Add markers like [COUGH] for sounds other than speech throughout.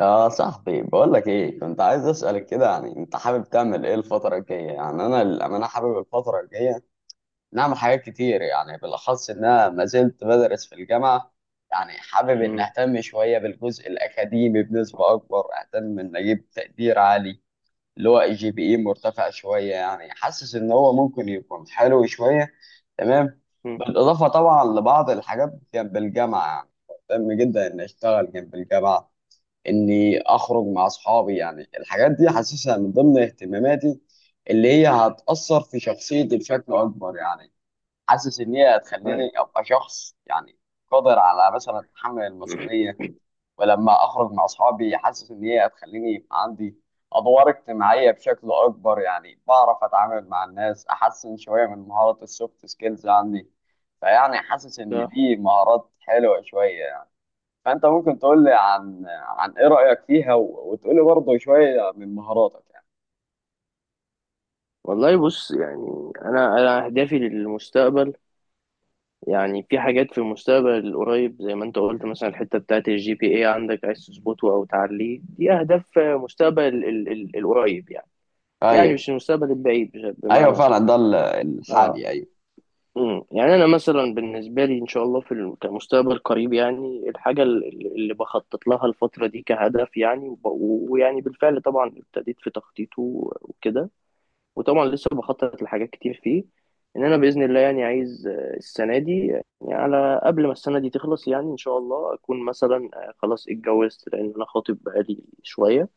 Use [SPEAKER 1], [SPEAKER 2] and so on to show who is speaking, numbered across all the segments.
[SPEAKER 1] يا صاحبي، بقول لك ايه، كنت عايز اسالك كده، يعني انت حابب تعمل ايه الفتره الجايه؟ يعني انا للامانه حابب الفتره الجايه نعمل حاجات كتير، يعني بالاخص ان انا ما زلت بدرس في الجامعه. يعني حابب ان
[SPEAKER 2] مم.
[SPEAKER 1] اهتم شويه بالجزء الاكاديمي بنسبه اكبر، اهتم ان اجيب تقدير عالي اللي هو GPA مرتفع شويه، يعني حاسس ان هو ممكن يكون حلو شويه. تمام.
[SPEAKER 2] مم.
[SPEAKER 1] بالاضافه طبعا لبعض الحاجات جنب الجامعه يعني، مهتم جدا ان اشتغل جنب الجامعه، اني اخرج مع اصحابي. يعني الحاجات دي حاسسها من ضمن اهتماماتي اللي هي هتأثر في شخصيتي بشكل اكبر، يعني حاسس ان هي
[SPEAKER 2] أي.
[SPEAKER 1] هتخليني ابقى شخص، يعني قادر على مثلا تحمل المسؤولية. ولما اخرج مع اصحابي حاسس ان هي هتخليني يبقى عندي ادوار اجتماعية بشكل اكبر، يعني بعرف اتعامل مع الناس احسن شوية من مهارة السوفت سكيلز عندي. فيعني حاسس ان
[SPEAKER 2] صح.
[SPEAKER 1] دي مهارات حلوة شوية. فانت ممكن تقول لي عن ايه رايك فيها و- وتقول لي برضه شويه من مهاراتك يعني.
[SPEAKER 2] والله بص، يعني انا اهدافي للمستقبل، يعني في حاجات في المستقبل القريب، زي ما انت قلت، مثلا الحته بتاعت الجي بي اي عندك، عايز تظبطه او تعليه. دي اهداف مستقبل القريب يعني، يعني
[SPEAKER 1] ايوه،
[SPEAKER 2] مش المستقبل البعيد،
[SPEAKER 1] ايوه
[SPEAKER 2] بمعنى
[SPEAKER 1] فعلا،
[SPEAKER 2] صح؟
[SPEAKER 1] ده ال-
[SPEAKER 2] اه.
[SPEAKER 1] الحالي، ايوه.
[SPEAKER 2] مم. يعني انا مثلا بالنسبه لي ان شاء الله في كمستقبل قريب، يعني الحاجه اللي بخطط لها الفتره دي كهدف يعني، ويعني بالفعل طبعا ابتديت في تخطيطه وكده، وطبعا لسه بخطط لحاجات كتير فيه، ان انا باذن الله يعني عايز السنه دي، يعني على قبل ما السنه دي تخلص، يعني ان شاء الله اكون مثلا خلاص اتجوزت، لان انا خاطب بقالي شويه.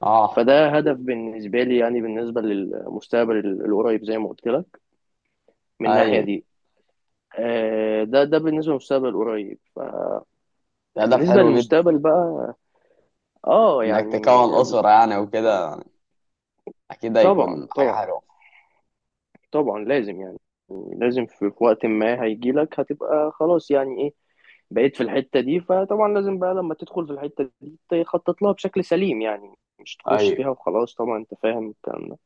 [SPEAKER 1] اه،
[SPEAKER 2] فده هدف بالنسبه لي، يعني بالنسبه للمستقبل القريب زي ما قلت لك، من الناحيه
[SPEAKER 1] ايوه.
[SPEAKER 2] دي. ده بالنسبه للمستقبل القريب.
[SPEAKER 1] ده هدف
[SPEAKER 2] بالنسبه
[SPEAKER 1] حلو جدا،
[SPEAKER 2] للمستقبل بقى، اه
[SPEAKER 1] انك
[SPEAKER 2] يعني،
[SPEAKER 1] تكون اسره يعني وكده، اكيد
[SPEAKER 2] طبعا
[SPEAKER 1] هيكون حاجه
[SPEAKER 2] طبعا.
[SPEAKER 1] حلوه.
[SPEAKER 2] طبعا لازم يعني، لازم في وقت ما هيجيلك هتبقى خلاص، يعني إيه، بقيت في الحتة دي. فطبعا لازم بقى لما تدخل في الحتة دي تخطط لها بشكل سليم، يعني مش تخش
[SPEAKER 1] ايوه
[SPEAKER 2] فيها وخلاص. طبعا انت فاهم الكلام ده.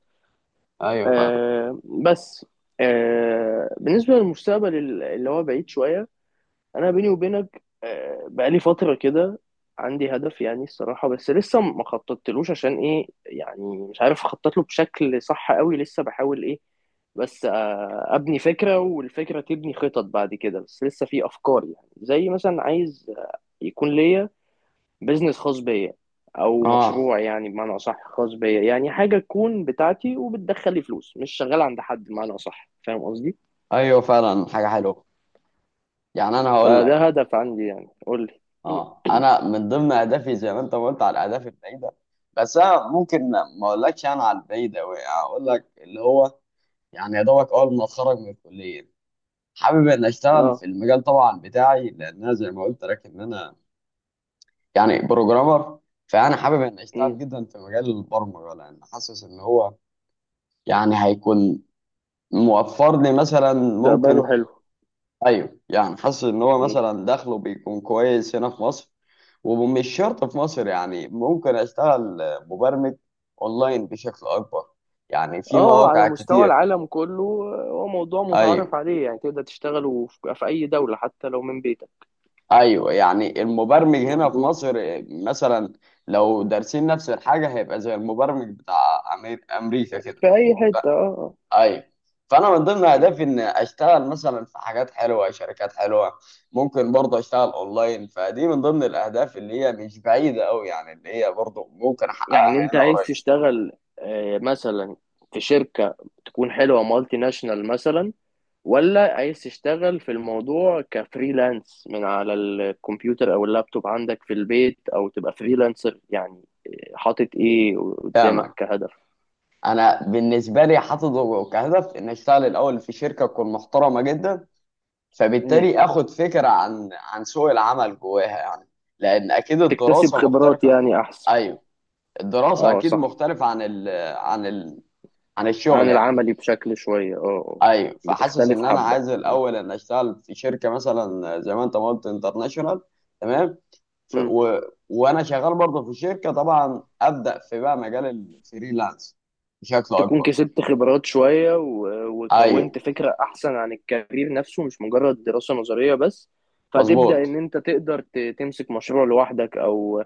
[SPEAKER 1] ايوه فعلا.
[SPEAKER 2] بس، بالنسبة للمستقبل اللي هو بعيد شوية، انا بيني وبينك بقالي فتره كده عندي هدف يعني الصراحه، بس لسه ما خططتلوش عشان ايه، يعني مش عارف اخطط له بشكل صح قوي، لسه بحاول ايه، بس ابني فكره والفكره تبني خطط بعد كده. بس لسه في افكار يعني، زي مثلا عايز يكون ليا بيزنس خاص بيا، او
[SPEAKER 1] اه،
[SPEAKER 2] مشروع يعني بمعنى اصح، خاص بيا، يعني حاجه تكون بتاعتي وبتدخل لي فلوس، مش شغال عند حد بمعنى اصح. فاهم قصدي؟
[SPEAKER 1] ايوه فعلا، حاجه حلوه. يعني انا هقول لك،
[SPEAKER 2] فده هدف عندي، يعني قول لي.
[SPEAKER 1] اه، انا من ضمن اهدافي زي ما انت ما قلت على الاهداف البعيده، بس انا ممكن ما اقولكش انا على البعيده قوي، اقول لك اللي هو يعني يا دوبك اول ما اتخرج من الكليه، حابب ان
[SPEAKER 2] [CLEARS THROAT]
[SPEAKER 1] اشتغل
[SPEAKER 2] اه.
[SPEAKER 1] في المجال طبعا بتاعي، لان انا زي ما قلت لك ان انا يعني بروجرامر. فانا حابب ان اشتغل جدا في مجال البرمجه، لان حاسس ان هو يعني هيكون موفر لي مثلا،
[SPEAKER 2] مستقبله
[SPEAKER 1] ممكن.
[SPEAKER 2] حلو.
[SPEAKER 1] ايوه، يعني حاسس ان هو
[SPEAKER 2] مم.
[SPEAKER 1] مثلا دخله بيكون كويس هنا في مصر، ومش شرط في مصر، يعني ممكن اشتغل مبرمج اونلاين بشكل اكبر، يعني
[SPEAKER 2] اه،
[SPEAKER 1] في
[SPEAKER 2] على
[SPEAKER 1] مواقع
[SPEAKER 2] مستوى
[SPEAKER 1] كتير.
[SPEAKER 2] العالم كله. هو موضوع
[SPEAKER 1] ايوه،
[SPEAKER 2] متعارف عليه، يعني تقدر تشتغله في أي دولة حتى لو من بيتك.
[SPEAKER 1] ايوه، يعني المبرمج هنا في
[SPEAKER 2] مظبوط.
[SPEAKER 1] مصر مثلا لو دارسين نفس الحاجه هيبقى زي المبرمج بتاع امريكا كده.
[SPEAKER 2] في أي حتة، اه آه.
[SPEAKER 1] ايوه. فانا من ضمن
[SPEAKER 2] مم.
[SPEAKER 1] اهدافي ان اشتغل مثلا في حاجات حلوه، شركات حلوه، ممكن برضه اشتغل اونلاين، فدي من ضمن الاهداف اللي هي مش بعيده قوي، يعني اللي هي برضه ممكن
[SPEAKER 2] يعني
[SPEAKER 1] احققها
[SPEAKER 2] أنت
[SPEAKER 1] هنا
[SPEAKER 2] عايز
[SPEAKER 1] قريب.
[SPEAKER 2] تشتغل مثلا في شركة تكون حلوة، مالتي ناشونال مثلا؟ ولا عايز تشتغل في الموضوع كفريلانس، من على الكمبيوتر أو اللابتوب عندك في البيت؟ أو تبقى فريلانسر؟ يعني حاطط إيه قدامك
[SPEAKER 1] فاهمك.
[SPEAKER 2] كهدف؟
[SPEAKER 1] انا بالنسبه لي حاطط كهدف ان اشتغل الاول في شركه تكون محترمه جدا،
[SPEAKER 2] مم.
[SPEAKER 1] فبالتالي اخد فكره عن سوق العمل جواها يعني، لان اكيد
[SPEAKER 2] تكتسب
[SPEAKER 1] الدراسه
[SPEAKER 2] خبرات
[SPEAKER 1] مختلفه.
[SPEAKER 2] يعني أحسن.
[SPEAKER 1] ايوه. الدراسه
[SPEAKER 2] اه
[SPEAKER 1] اكيد
[SPEAKER 2] صح.
[SPEAKER 1] مختلفه عن ال عن الشغل
[SPEAKER 2] عن
[SPEAKER 1] يعني.
[SPEAKER 2] العملي بشكل شوية، اه آه.
[SPEAKER 1] ايوه، فحاسس
[SPEAKER 2] بتختلف
[SPEAKER 1] ان انا
[SPEAKER 2] حبة.
[SPEAKER 1] عايز
[SPEAKER 2] مم.
[SPEAKER 1] الاول ان اشتغل في شركه مثلا زي ما انت ما قلت انترناشونال. تمام. ف...
[SPEAKER 2] مم.
[SPEAKER 1] و... وانا شغال برضه في الشركه، طبعا ابدا في بقى مجال الفريلانس بشكل
[SPEAKER 2] تكون
[SPEAKER 1] اكبر.
[SPEAKER 2] كسبت خبرات شوية،
[SPEAKER 1] ايوه،
[SPEAKER 2] وكونت فكرة أحسن عن الكارير نفسه، مش مجرد دراسة نظرية بس. فتبدأ إن
[SPEAKER 1] مظبوط.
[SPEAKER 2] أنت تقدر تمسك مشروع لوحدك، أو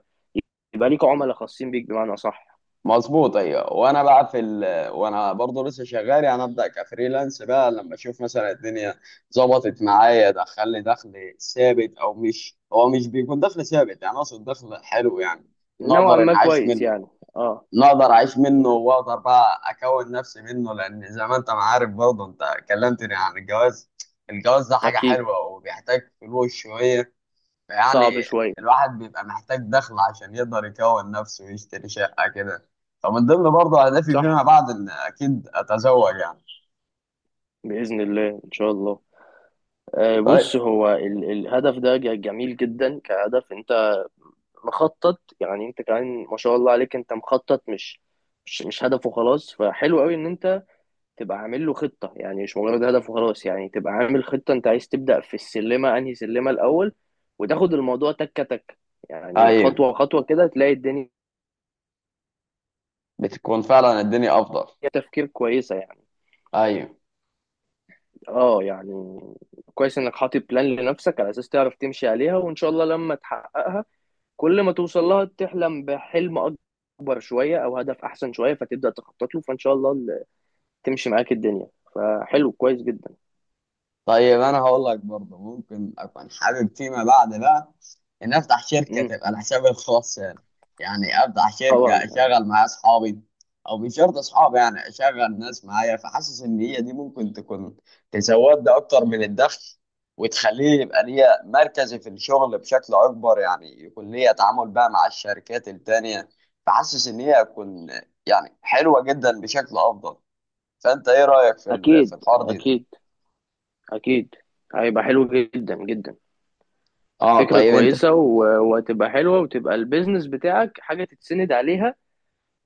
[SPEAKER 2] يبقى ليك عملاء خاصين بيك، بمعنى صح.
[SPEAKER 1] مظبوط، ايوه. وانا بقى في ال... وانا برضه لسه شغال يعني ابدا كفريلانس بقى لما اشوف مثلا الدنيا ظبطت معايا، دخل لي دخل ثابت، او مش، هو مش بيكون دخل ثابت، يعني اقصد دخل حلو، يعني
[SPEAKER 2] نوعا
[SPEAKER 1] نقدر ان
[SPEAKER 2] ما
[SPEAKER 1] اعيش
[SPEAKER 2] كويس
[SPEAKER 1] منه،
[SPEAKER 2] يعني. اه.
[SPEAKER 1] نقدر اعيش منه
[SPEAKER 2] مم.
[SPEAKER 1] واقدر بقى اكون نفسي منه. لان زي ما انت ما عارف برضه انت كلمتني عن الجواز، الجواز ده حاجه
[SPEAKER 2] أكيد.
[SPEAKER 1] حلوه وبيحتاج فلوس شويه يعني،
[SPEAKER 2] صعب شوية.
[SPEAKER 1] الواحد بيبقى محتاج دخل عشان يقدر يكون نفسه ويشتري شقة كده. فمن ضمن برضه أهدافي فيما
[SPEAKER 2] صح،
[SPEAKER 1] بعد إن أكيد أتزوج يعني.
[SPEAKER 2] بإذن الله إن شاء الله.
[SPEAKER 1] طيب.
[SPEAKER 2] بص هو الهدف ده جميل جدا كهدف. انت مخطط يعني، انت كمان ما شاء الله عليك، انت مخطط، مش هدف وخلاص، فحلو قوي ان انت تبقى عامل له خطة، يعني مش مجرد هدف وخلاص، يعني تبقى عامل خطة. انت عايز تبدأ في السلمة انهي سلمة الاول، وتاخد الموضوع تكة تكة، يعني
[SPEAKER 1] أيوه،
[SPEAKER 2] خطوة خطوة كده تلاقي الدنيا،
[SPEAKER 1] بتكون فعلا الدنيا أفضل.
[SPEAKER 2] تفكير كويسة يعني.
[SPEAKER 1] أيوه.
[SPEAKER 2] اه يعني، كويس انك حاطط بلان لنفسك، على اساس تعرف تمشي عليها، وان شاء الله لما تحققها، كل ما توصل لها تحلم بحلم اكبر شوية او هدف احسن شوية، فتبدأ تخطط له، فان شاء الله تمشي معاك الدنيا. فحلو، كويس جدا.
[SPEAKER 1] طيب، أنا هقول لك برضه ممكن أكون حابب فيما بعد بقى ان افتح شركه
[SPEAKER 2] امم
[SPEAKER 1] تبقى لحسابي الخاص، يعني افتح شركه
[SPEAKER 2] طبعا.
[SPEAKER 1] اشغل معايا اصحابي، او مش شرط اصحابي يعني اشغل ناس معايا، فحاسس ان هي دي ممكن تكون تزود لي اكتر من الدخل وتخليه يبقى ليا مركزي في الشغل بشكل اكبر، يعني يكون ليا تعامل بقى مع الشركات التانيه. فحاسس ان هي هتكون يعني حلوه جدا بشكل افضل. فانت ايه رايك
[SPEAKER 2] اكيد،
[SPEAKER 1] في الحوار دي؟
[SPEAKER 2] اكيد، اكيد هيبقى حلو جدا جدا.
[SPEAKER 1] اه،
[SPEAKER 2] فكرة
[SPEAKER 1] طيب انت.
[SPEAKER 2] كويسة، وهتبقى حلوة، وتبقى البيزنس بتاعك حاجة تتسند عليها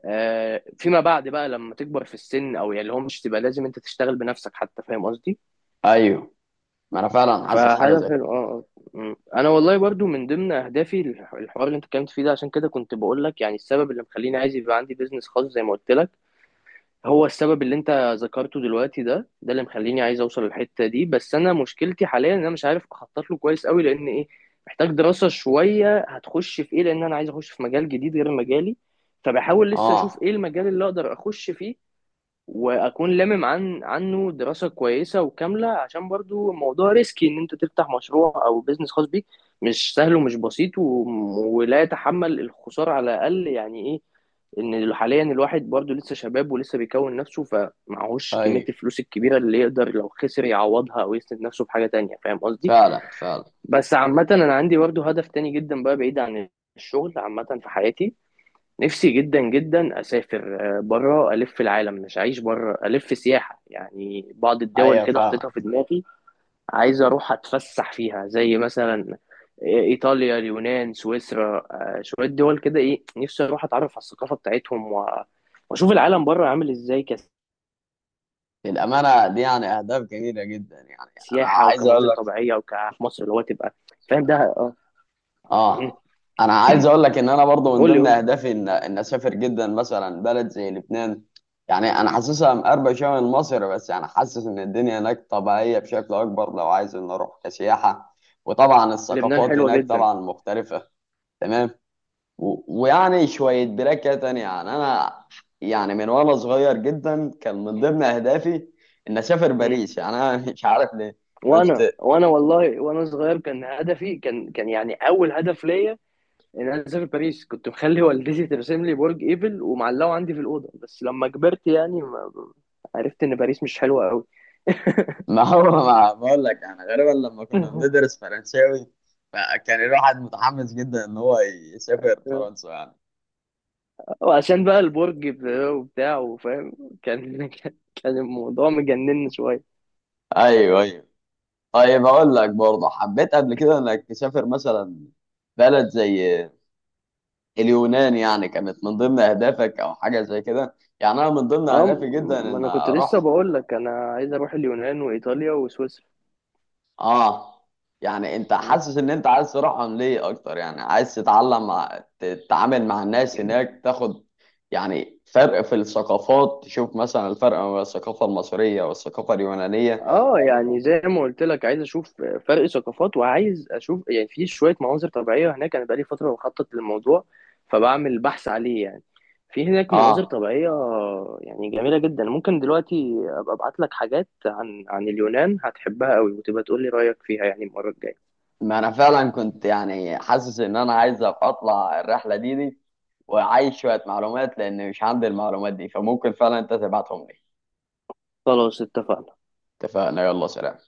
[SPEAKER 2] فيما بعد بقى، لما تكبر في السن، او يعني اللي هو مش تبقى لازم انت تشتغل بنفسك حتى. فاهم قصدي؟
[SPEAKER 1] ايوه، ما انا فعلا حاسس حاجه زي
[SPEAKER 2] فهدف
[SPEAKER 1] كده.
[SPEAKER 2] اه آه. مم. انا والله برضو من ضمن اهدافي الحوار اللي انت اتكلمت فيه ده، عشان كده كنت بقول لك، يعني السبب اللي مخليني عايز يبقى عندي بيزنس خاص زي ما قلت لك، هو السبب اللي انت ذكرته دلوقتي ده، ده اللي مخليني عايز اوصل للحته دي. بس انا مشكلتي حاليا ان انا مش عارف اخطط له كويس قوي، لان ايه، محتاج دراسه شويه هتخش في ايه، لان انا عايز اخش في مجال جديد غير مجالي. فبحاول لسه اشوف
[SPEAKER 1] اه،
[SPEAKER 2] ايه المجال اللي اقدر اخش فيه، واكون لامم عنه دراسه كويسه وكامله، عشان برضو الموضوع ريسكي ان انت تفتح مشروع او بيزنس خاص بيك. مش سهل ومش بسيط ولا يتحمل الخساره على الاقل، يعني ايه، ان حاليا الواحد برضو لسه شباب ولسه بيكون نفسه، فمعهوش كميه
[SPEAKER 1] ايوه
[SPEAKER 2] الفلوس الكبيره اللي يقدر لو خسر يعوضها، او يسند نفسه بحاجه تانية. فاهم قصدي؟
[SPEAKER 1] فعلا فعلا.
[SPEAKER 2] بس عامه انا عندي برضو هدف تاني جدا بقى، بعيد عن الشغل، عامه في حياتي، نفسي جدا جدا اسافر بره، الف العالم مش عايش بره، الف سياحه يعني. بعض الدول
[SPEAKER 1] ايوه،
[SPEAKER 2] كده حاططها
[SPEAKER 1] فاهمك.
[SPEAKER 2] في دماغي، عايز اروح اتفسح فيها، زي مثلا ايطاليا، اليونان، سويسرا، شويه دول كده. ايه، نفسي اروح اتعرف على الثقافه بتاعتهم، واشوف العالم بره عامل ازاي،
[SPEAKER 1] الامانه دي يعني اهداف جميله جدا، يعني انا
[SPEAKER 2] كسياحه
[SPEAKER 1] عايز اقول
[SPEAKER 2] وكمناظر
[SPEAKER 1] لك،
[SPEAKER 2] طبيعيه، وك في مصر اللي هو تبقى فاهم ده. اه. مم.
[SPEAKER 1] اه، انا عايز اقول لك ان انا برضو من
[SPEAKER 2] قول لي
[SPEAKER 1] ضمن
[SPEAKER 2] قول لي.
[SPEAKER 1] اهدافي ان ان اسافر جدا مثلا بلد زي لبنان، يعني انا حاسسها مقربه شويه من مصر بس، يعني حاسس ان الدنيا هناك طبيعيه بشكل اكبر، لو عايز ان اروح كسياحه. وطبعا
[SPEAKER 2] لبنان
[SPEAKER 1] الثقافات
[SPEAKER 2] حلوه
[SPEAKER 1] هناك
[SPEAKER 2] جدا.
[SPEAKER 1] طبعا مختلفه. تمام. و- ويعني شوية بركة تانية يعني، أنا يعني من وأنا صغير جدا كان من ضمن أهدافي إن أسافر
[SPEAKER 2] مم.
[SPEAKER 1] باريس، يعني أنا [LAUGHS] مش عارف ليه كنت.
[SPEAKER 2] وانا والله، وانا صغير كان هدفي، كان يعني اول هدف ليا، يعني انا سافر باريس. كنت مخلي والدتي ترسم لي برج ايفل ومعلقه عندي في الاوضه، بس لما كبرت يعني ما عرفت ان باريس مش حلوه قوي.
[SPEAKER 1] ما هو [LAUGHS] ما بقول لك، يعني غالبا لما كنا
[SPEAKER 2] [LAUGHS]
[SPEAKER 1] بندرس فرنساوي فكان الواحد متحمس جدا إن هو يسافر فرنسا يعني.
[SPEAKER 2] وعشان بقى البرج وبتاع، وفاهم، كان [LAUGHS] كان الموضوع مجنن شويه.
[SPEAKER 1] أيوه أيوه. طيب، أقول لك برضه حبيت قبل كده إنك تسافر مثلا بلد زي اليونان، يعني كانت من ضمن أهدافك أو حاجة زي كده؟ يعني أنا من ضمن
[SPEAKER 2] اه،
[SPEAKER 1] أهدافي جدا
[SPEAKER 2] ما
[SPEAKER 1] إن
[SPEAKER 2] انا كنت لسه
[SPEAKER 1] أروح.
[SPEAKER 2] بقول لك انا عايز اروح اليونان وايطاليا وسويسرا.
[SPEAKER 1] اه، يعني انت حاسس ان انت عايز تروحهم ليه اكتر؟ يعني عايز تتعلم تتعامل مع الناس هناك، تاخد يعني فرق في الثقافات، تشوف مثلا الفرق ما بين الثقافة المصرية والثقافة اليونانية.
[SPEAKER 2] اه يعني زي ما قلت لك، عايز اشوف فرق ثقافات، وعايز اشوف يعني في شويه مناظر طبيعيه هناك. انا بقالي فتره بخطط للموضوع، فبعمل بحث عليه يعني، في هناك مناظر
[SPEAKER 1] اه،
[SPEAKER 2] طبيعيه يعني جميله جدا. ممكن دلوقتي ابقى ابعت لك حاجات عن اليونان، هتحبها قوي، وتبقى تقول لي رايك فيها يعني المره الجايه.
[SPEAKER 1] ما انا فعلا كنت يعني حاسس ان انا عايز أبقى اطلع الرحلة دي، وعايز شوية معلومات لان مش عندي المعلومات دي، فممكن فعلا انت تبعتهم لي.
[SPEAKER 2] خلاص، اتفقنا.
[SPEAKER 1] اتفقنا، يلا سلام.